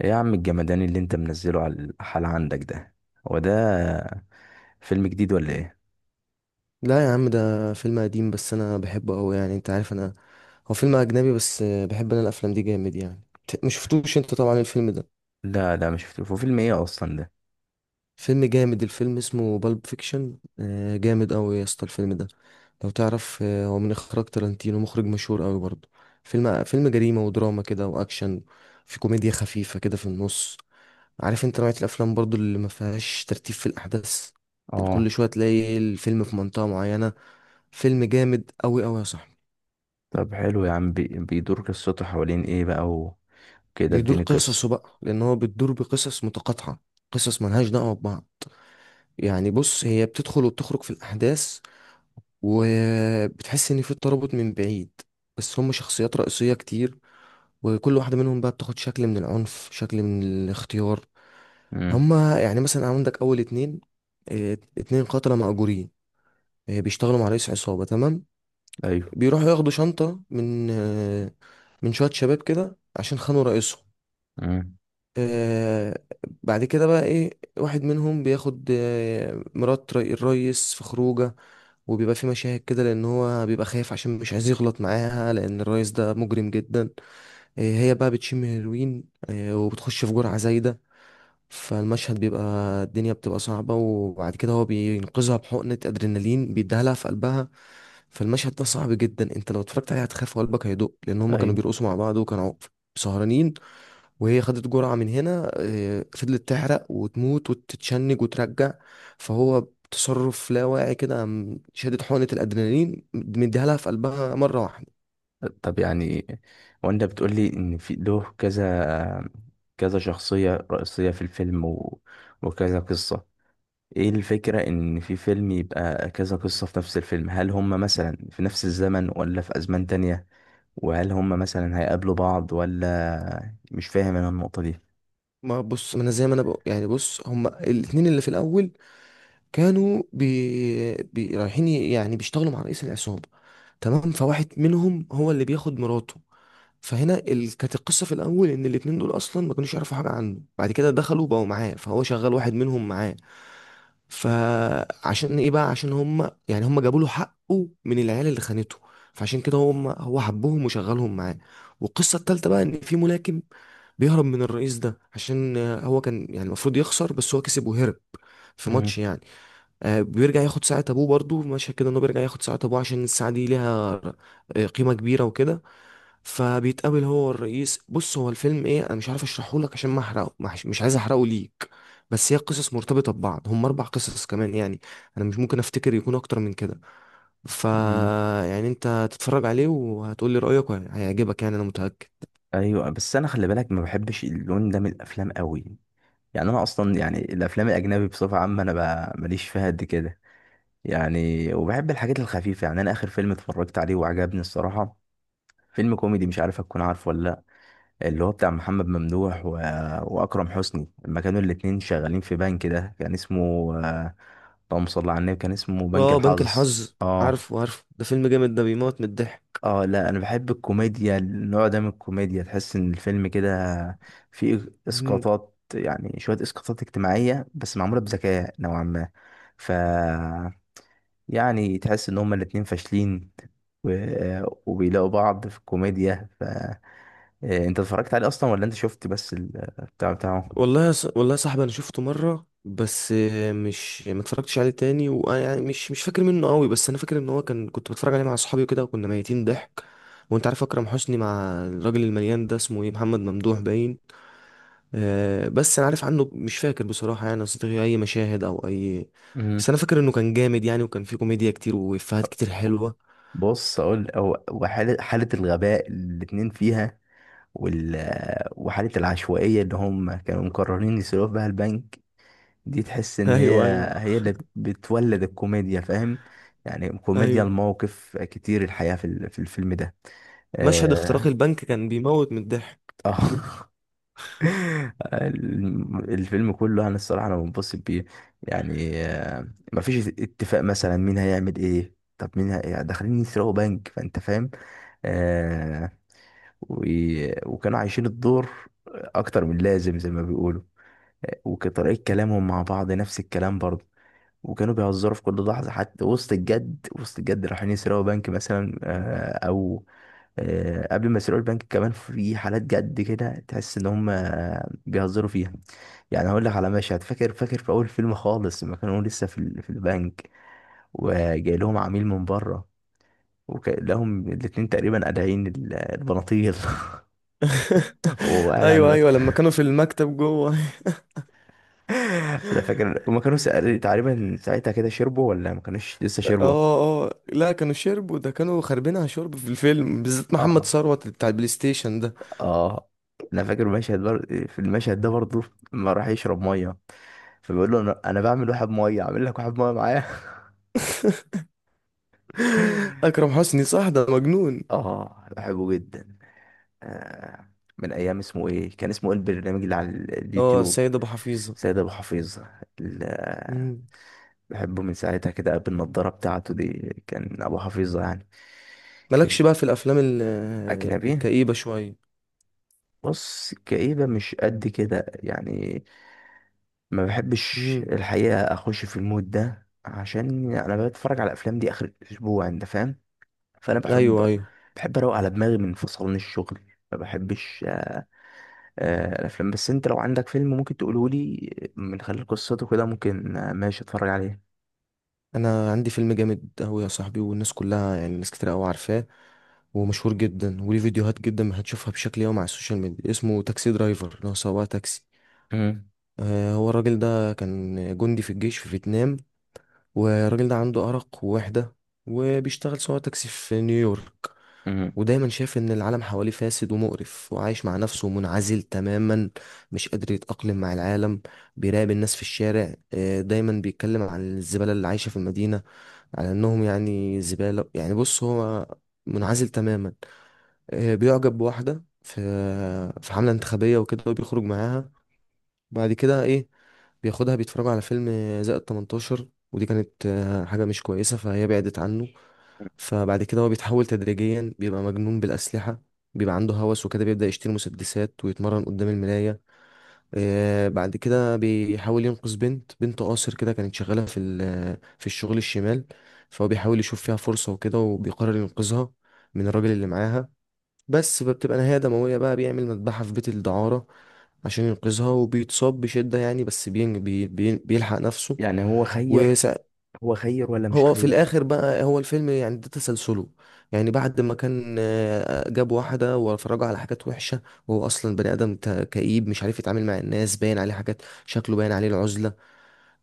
ايه يا عم الجمدان اللي انت منزله على الحال عندك ده؟ هو ده فيلم جديد ولا ايه؟ لا يا عم، ده فيلم قديم بس انا بحبه قوي، يعني انت عارف انا. هو فيلم اجنبي بس بحب انا الافلام دي جامد يعني. مش شفتوش انت طبعا الفيلم ده. لا لا، مش شفته. هو فيلم ايه اصلا ده؟ فيلم جامد، الفيلم اسمه بالب فيكشن. جامد قوي يا اسطى الفيلم ده. لو تعرف، هو من اخراج تارانتينو، مخرج مشهور قوي برضه. فيلم جريمة ودراما كده، واكشن. في كوميديا خفيفة كده في النص. عارف انت نوعية الافلام برضه اللي ما فيهاش ترتيب في الاحداث. كل اه. شوية تلاقي الفيلم في منطقة معينة. فيلم جامد قوي قوي يا صاحبي. طب حلو يا عم، بيدور قصته حوالين ايه بقى وكده؟ بيدور اديني قصة. قصصه بقى، لان هو بتدور بقصص متقاطعه، قصص ملهاش دعوه ببعض. يعني بص، هي بتدخل وبتخرج في الاحداث، وبتحس ان في ترابط من بعيد. بس هم شخصيات رئيسيه كتير، وكل واحده منهم بقى بتاخد شكل من العنف، شكل من الاختيار. امم. هم يعني مثلا عندك اول اتنين. اتنين قتله مأجورين. بيشتغلوا مع رئيس عصابه، تمام. ايوه. بيروحوا ياخدوا شنطه من من شويه شباب كده عشان خانوا رئيسهم. امم. آه بعد كده بقى ايه، واحد منهم بياخد مرات الريس في خروجه. وبيبقى في مشاهد كده، لان هو بيبقى خايف عشان مش عايز يغلط معاها، لان الريس ده مجرم جدا. هي بقى بتشم هيروين، وبتخش في جرعة زايدة. فالمشهد بيبقى، الدنيا بتبقى صعبة، وبعد كده هو بينقذها بحقنة ادرينالين بيديها لها في قلبها. فالمشهد ده صعب جدا، انت لو اتفرجت عليه هتخاف وقلبك هيدق، لان هما كانوا ايوه. بيرقصوا مع بعض وكانوا سهرانين. وهي خدت جرعة من هنا، فضلت تحرق وتموت وتتشنج وترجع. فهو بتصرف لا واعي كده، قام شادد حقنة الأدرينالين مديها لها في قلبها مرة واحدة. طب يعني، وانت بتقول لي ان في له كذا كذا شخصية رئيسية في الفيلم وكذا قصة. ايه الفكرة ان في فيلم يبقى كذا قصة في نفس الفيلم؟ هل هم مثلا في نفس الزمن ولا في ازمان تانية؟ وهل هم مثلا هيقابلوا بعض ولا مش فاهم انا النقطة دي؟ ما بص، ما انا زي ما انا بقول، يعني بص، هما الاتنين اللي في الاول كانوا رايحين يعني بيشتغلوا مع رئيس العصابة، تمام. فواحد منهم هو اللي بياخد مراته. كانت القصه في الاول ان الاتنين دول اصلا ما كانوش يعرفوا حاجه عنه، بعد كده دخلوا بقوا معاه، فهو شغال واحد منهم معاه. فعشان ايه بقى؟ عشان هم يعني هم جابوا له حقه من العيال اللي خانته، فعشان كده هم هو حبهم وشغلهم معاه. والقصه التالته بقى ان في ملاكم بيهرب من الرئيس ده، عشان هو كان يعني المفروض يخسر بس هو كسب وهرب في ماتش مم. يعني. بيرجع ياخد ساعة ابوه، برضو مشهد كده، انه بيرجع ياخد ساعة ابوه عشان الساعة دي ليها قيمة كبيرة وكده. فبيتقابل هو والرئيس. بص، هو الفيلم ايه، انا مش عارف اشرحه لك عشان ما احرقه، ما أحش- مش عايز احرقه ليك. بس هي قصص مرتبطة ببعض، هم اربع قصص كمان يعني. انا مش ممكن افتكر يكون اكتر من كده. ف، مم. يعني انت تتفرج عليه وهتقول لي رأيك، هيعجبك يعني انا متأكد. ايوه، بس انا خلي بالك ما بحبش اللون ده من الافلام قوي. يعني انا اصلا، يعني الافلام الاجنبي بصفه عامه انا ماليش فيها قد كده. يعني وبحب الحاجات الخفيفه. يعني انا اخر فيلم اتفرجت عليه وعجبني الصراحه فيلم كوميدي، مش عارف هتكون عارفه ولا لا. اللي هو بتاع محمد ممدوح واكرم حسني، لما كانوا الاتنين شغالين في بنك ده كان اسمه، آه، اللهم صل على النبي، كان اسمه بنك اه، بنك الحظ. الحظ. اه. عارفه، عارفه، ده فيلم جامد، ده بيموت من الضحك. اه، لا، انا بحب الكوميديا، النوع ده من الكوميديا تحس ان الفيلم كده فيه اسقاطات، يعني شويه اسقاطات اجتماعيه بس معموله بذكاء نوعا ما. ف يعني تحس ان هما الاتنين فاشلين و... وبيلاقوا بعض في الكوميديا. انت اتفرجت عليه اصلا ولا انت شفت بس البتاع بتاعه؟ والله يا صاحبي، انا شفته مره بس، مش ما اتفرجتش عليه تاني، وانا يعني مش فاكر منه قوي، بس انا فاكر ان هو كان، كنت بتفرج عليه مع اصحابي وكده، وكنا ميتين ضحك. وانت عارف اكرم حسني مع الراجل المليان ده اسمه ايه، محمد ممدوح باين. بس انا عارف عنه، مش فاكر بصراحه يعني اصدقائي اي مشاهد او اي. بس امم. انا فاكر انه كان جامد يعني، وكان فيه كوميديا كتير وافيهات كتير حلوه. بص، اقول هو وحاله، حاله الغباء اللي الاتنين فيها، وال... وحاله العشوائيه اللي هم كانوا مقررين يسرقوا بها البنك، دي تحس ان هي ايوه، ايوه، اللي بتولد الكوميديا، فاهم؟ يعني كوميديا ايوه. المواقف كتير الحياة في في الفيلم ده. مشهد اختراق اه. البنك كان بيموت من الضحك. آه. الفيلم كله انا الصراحة انا منبسط بيه. يعني مفيش اتفاق مثلا مين هيعمل ايه، طب مين داخلين يسرقوا بنك، فانت فاهم. آه و... وكانوا عايشين الدور اكتر من لازم زي ما بيقولوا، وطريقة كلامهم مع بعض نفس الكلام برضه. وكانوا بيهزروا في كل لحظة، حتى وسط الجد، وسط الجد رايحين يسرقوا بنك مثلا، أو قبل ما يسرقوا البنك كمان في حالات جد كده تحس إن هم بيهزروا فيها. يعني هقول لك على مشهد، فاكر فاكر في أول فيلم خالص لما كانوا لسه في في البنك، وجاي لهم عميل من بره، وكلهم الاتنين تقريبا قادعين البناطيل. وقاعد على ايوه، ايوه، المكتب. لما كانوا في المكتب جوه. انا فاكر هما كانوا تقريبا ساعتها كده شربوا ولا ما كانوش لسه شربوا. اه. اه لا، كانوا شربوا، ده كانوا خاربينها شرب في الفيلم، بالذات محمد اه. ثروت بتاع البلاي ستيشن ده. اه. انا فاكر مشهد في المشهد ده برضه لما راح يشرب ميه، فبيقول له: أنا بعمل واحد ميه، اعمل لك واحد ميه معايا. اكرم حسني صح، ده مجنون. اه، بحبه جدا. آه، من ايام اسمه ايه، كان اسمه ايه البرنامج اللي على اه، اليوتيوب؟ السيد ابو حفيظه. سيد ابو حفيظ. ال- مم. بحبه من ساعتها كده، بالنضاره بتاعته دي كان ابو حفيظه يعني. مالكش بقى في الافلام اجنبي. الكئيبه شويه؟ بص، كئيبة مش قد كده يعني. ما بحبش مم. الحقيقة أخش في المود ده، عشان أنا بتفرج على الأفلام دي آخر الأسبوع، أنت فاهم. فأنا بحب ايوه، ايوه. أروق على دماغي من فصلان الشغل. ما بحبش الأفلام، بس أنت لو عندك فيلم ممكن تقولهولي من خلال قصته كده، ممكن، ماشي، أتفرج عليه. انا عندي فيلم جامد قوي يا صاحبي، والناس كلها يعني ناس كتير قوي عارفاه، ومشهور جدا وليه فيديوهات جدا هتشوفها بشكل يومي على السوشيال ميديا، اسمه تاكسي درايفر، اللي هو سواق تاكسي. مم. هو الراجل ده كان جندي في الجيش في فيتنام. والراجل ده عنده أرق ووحدة، وبيشتغل سواق تاكسي في نيويورك. مم. ودايما شايف إن العالم حواليه فاسد ومقرف، وعايش مع نفسه منعزل تماما، مش قادر يتأقلم مع العالم. بيراقب الناس في الشارع، دايما بيتكلم عن الزبالة اللي عايشة في المدينة، على إنهم يعني زبالة. يعني بص، هو منعزل تماما. بيعجب بواحدة في حملة انتخابية وكده، وبيخرج معاها. بعد كده ايه، بياخدها بيتفرجوا على فيلم زائد 18، ودي كانت حاجة مش كويسة، فهي بعدت عنه. فبعد كده هو بيتحول تدريجيا، بيبقى مجنون بالأسلحة، بيبقى عنده هوس وكده، بيبدأ يشتري مسدسات ويتمرن قدام المراية. بعد كده بيحاول ينقذ بنت قاصر كده، كانت شغالة في في الشغل الشمال. فهو بيحاول يشوف فيها فرصة وكده، وبيقرر ينقذها من الراجل اللي معاها بس. فبتبقى نهاية دموية بقى، بيعمل مذبحة في بيت الدعارة عشان ينقذها، وبيتصاب بشدة يعني، بس بين بي بي بيلحق نفسه. يعني هو خير؟ وسا- هو خير ولا مش هو في خير؟ الآخر بقى، هو الفيلم يعني ده تسلسله. يعني بعد ما كان جاب واحدة وفرجه على حاجات وحشة، وهو أصلا بني آدم كئيب، مش عارف يتعامل مع الناس، باين عليه حاجات، شكله باين عليه العزلة.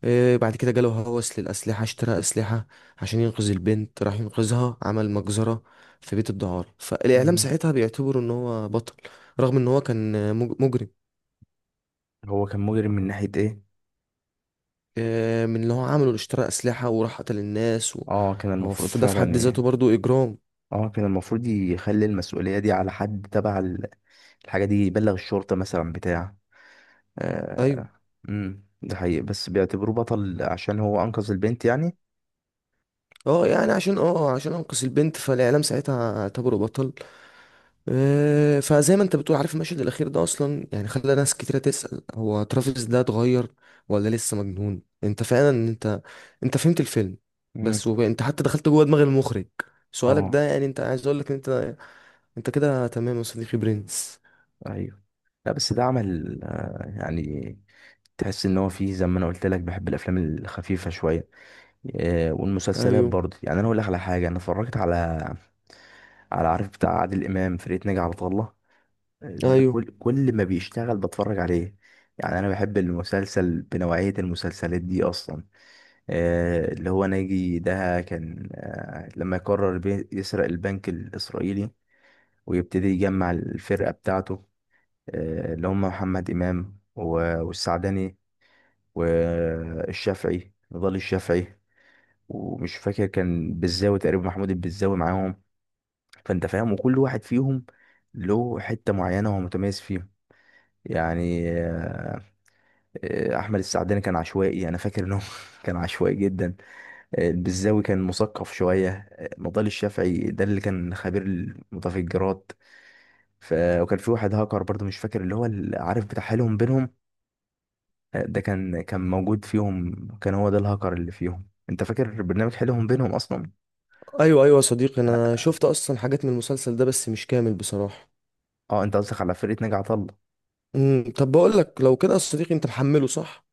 إيه بعد كده جاله هوس للأسلحة، اشترى أسلحة عشان ينقذ البنت، راح ينقذها، عمل مجزرة في بيت الدعارة. فالإعلام مم. ساعتها بيعتبره إن هو بطل، رغم إن هو كان مجرم. هو كان مجرم من ناحية إيه؟ إيه، من اللي هو عمله، اللي اشترى أسلحة وراح قتل الناس و... اه، كان هو المفروض في ده في فعلا. حد ذاته برضو إجرام. اه، كان المفروض يخلي المسؤولية دي على حد تبع الحاجة دي، يبلغ الشرطة مثلا بتاع. أيوه. آه. امم، ده حقيقي، بس بيعتبروه بطل عشان هو أنقذ البنت يعني. اه يعني، عشان اه عشان انقذ البنت، فالاعلام ساعتها اعتبره بطل. فزي ما انت بتقول، عارف المشهد الاخير ده اصلا يعني خلى ناس كتيره تسأل هو ترافيس ده اتغير ولا لسه مجنون؟ انت فعلا، انت فهمت الفيلم. مم. بس انت حتى دخلت جوه دماغ المخرج. سؤالك ده اه. يعني، انت عايز اقول لك ان انت، انت كده تمام يا صديقي برنس. ايوه. لا، بس ده عمل، يعني تحس ان هو فيه زي ما انا قلت لك بحب الافلام الخفيفة شوية والمسلسلات ايوه، برضه. يعني انا اقول لك على حاجة، انا اتفرجت على عارف بتاع عادل امام، فرقة ناجي عطا الله. ده ايوه، كل ما بيشتغل بتفرج عليه. يعني انا بحب المسلسل، بنوعية المسلسلات دي اصلا. اللي هو ناجي ده كان، لما يقرر يسرق البنك الاسرائيلي، ويبتدي يجمع الفرقة بتاعته. اللي هم محمد امام والسعدني والشافعي، نضال الشافعي، ومش فاكر كان بالزاوي تقريبا، محمود البزاوي معاهم. فانت فاهم، وكل واحد فيهم له حتة معينة هو متميز فيها، يعني. احمد السعداني كان عشوائي، انا فاكر انه كان عشوائي جدا. البزاوي كان مثقف شويه. مضال الشافعي ده اللي كان خبير المتفجرات. ف... وكان في واحد هاكر برضه، مش فاكر اللي هو اللي عارف بتاع حيلهم بينهم. ده كان موجود فيهم، كان هو ده الهاكر اللي فيهم، انت فاكر برنامج حيلهم بينهم اصلا؟ ايوه، ايوه يا صديقي، اه. انا شفت اصلا حاجات من المسلسل ده بس مش كامل بصراحه. انت قصدك على فرقه ناجي عطا الله. امم، طب بقول لك لو كده يا صديقي، انت محمله صح.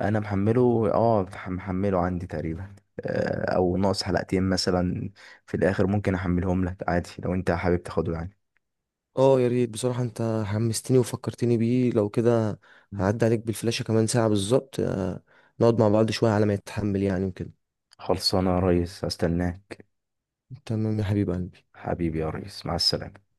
انا محمله، اه، محمله عندي تقريبا، او ناقص حلقتين مثلا في الاخر. ممكن احملهم لك عادي لو انت حابب تاخده يعني. اه يا ريت بصراحة، انت حمستني وفكرتني بيه. لو كده هعدي عليك بالفلاشة كمان ساعة بالظبط، نقعد مع بعض شوية على ما يتحمل يعني وكده. خلصانة يا ريس، استناك. تمام يا حبيب قلبي. حبيبي يا ريس، مع السلامة.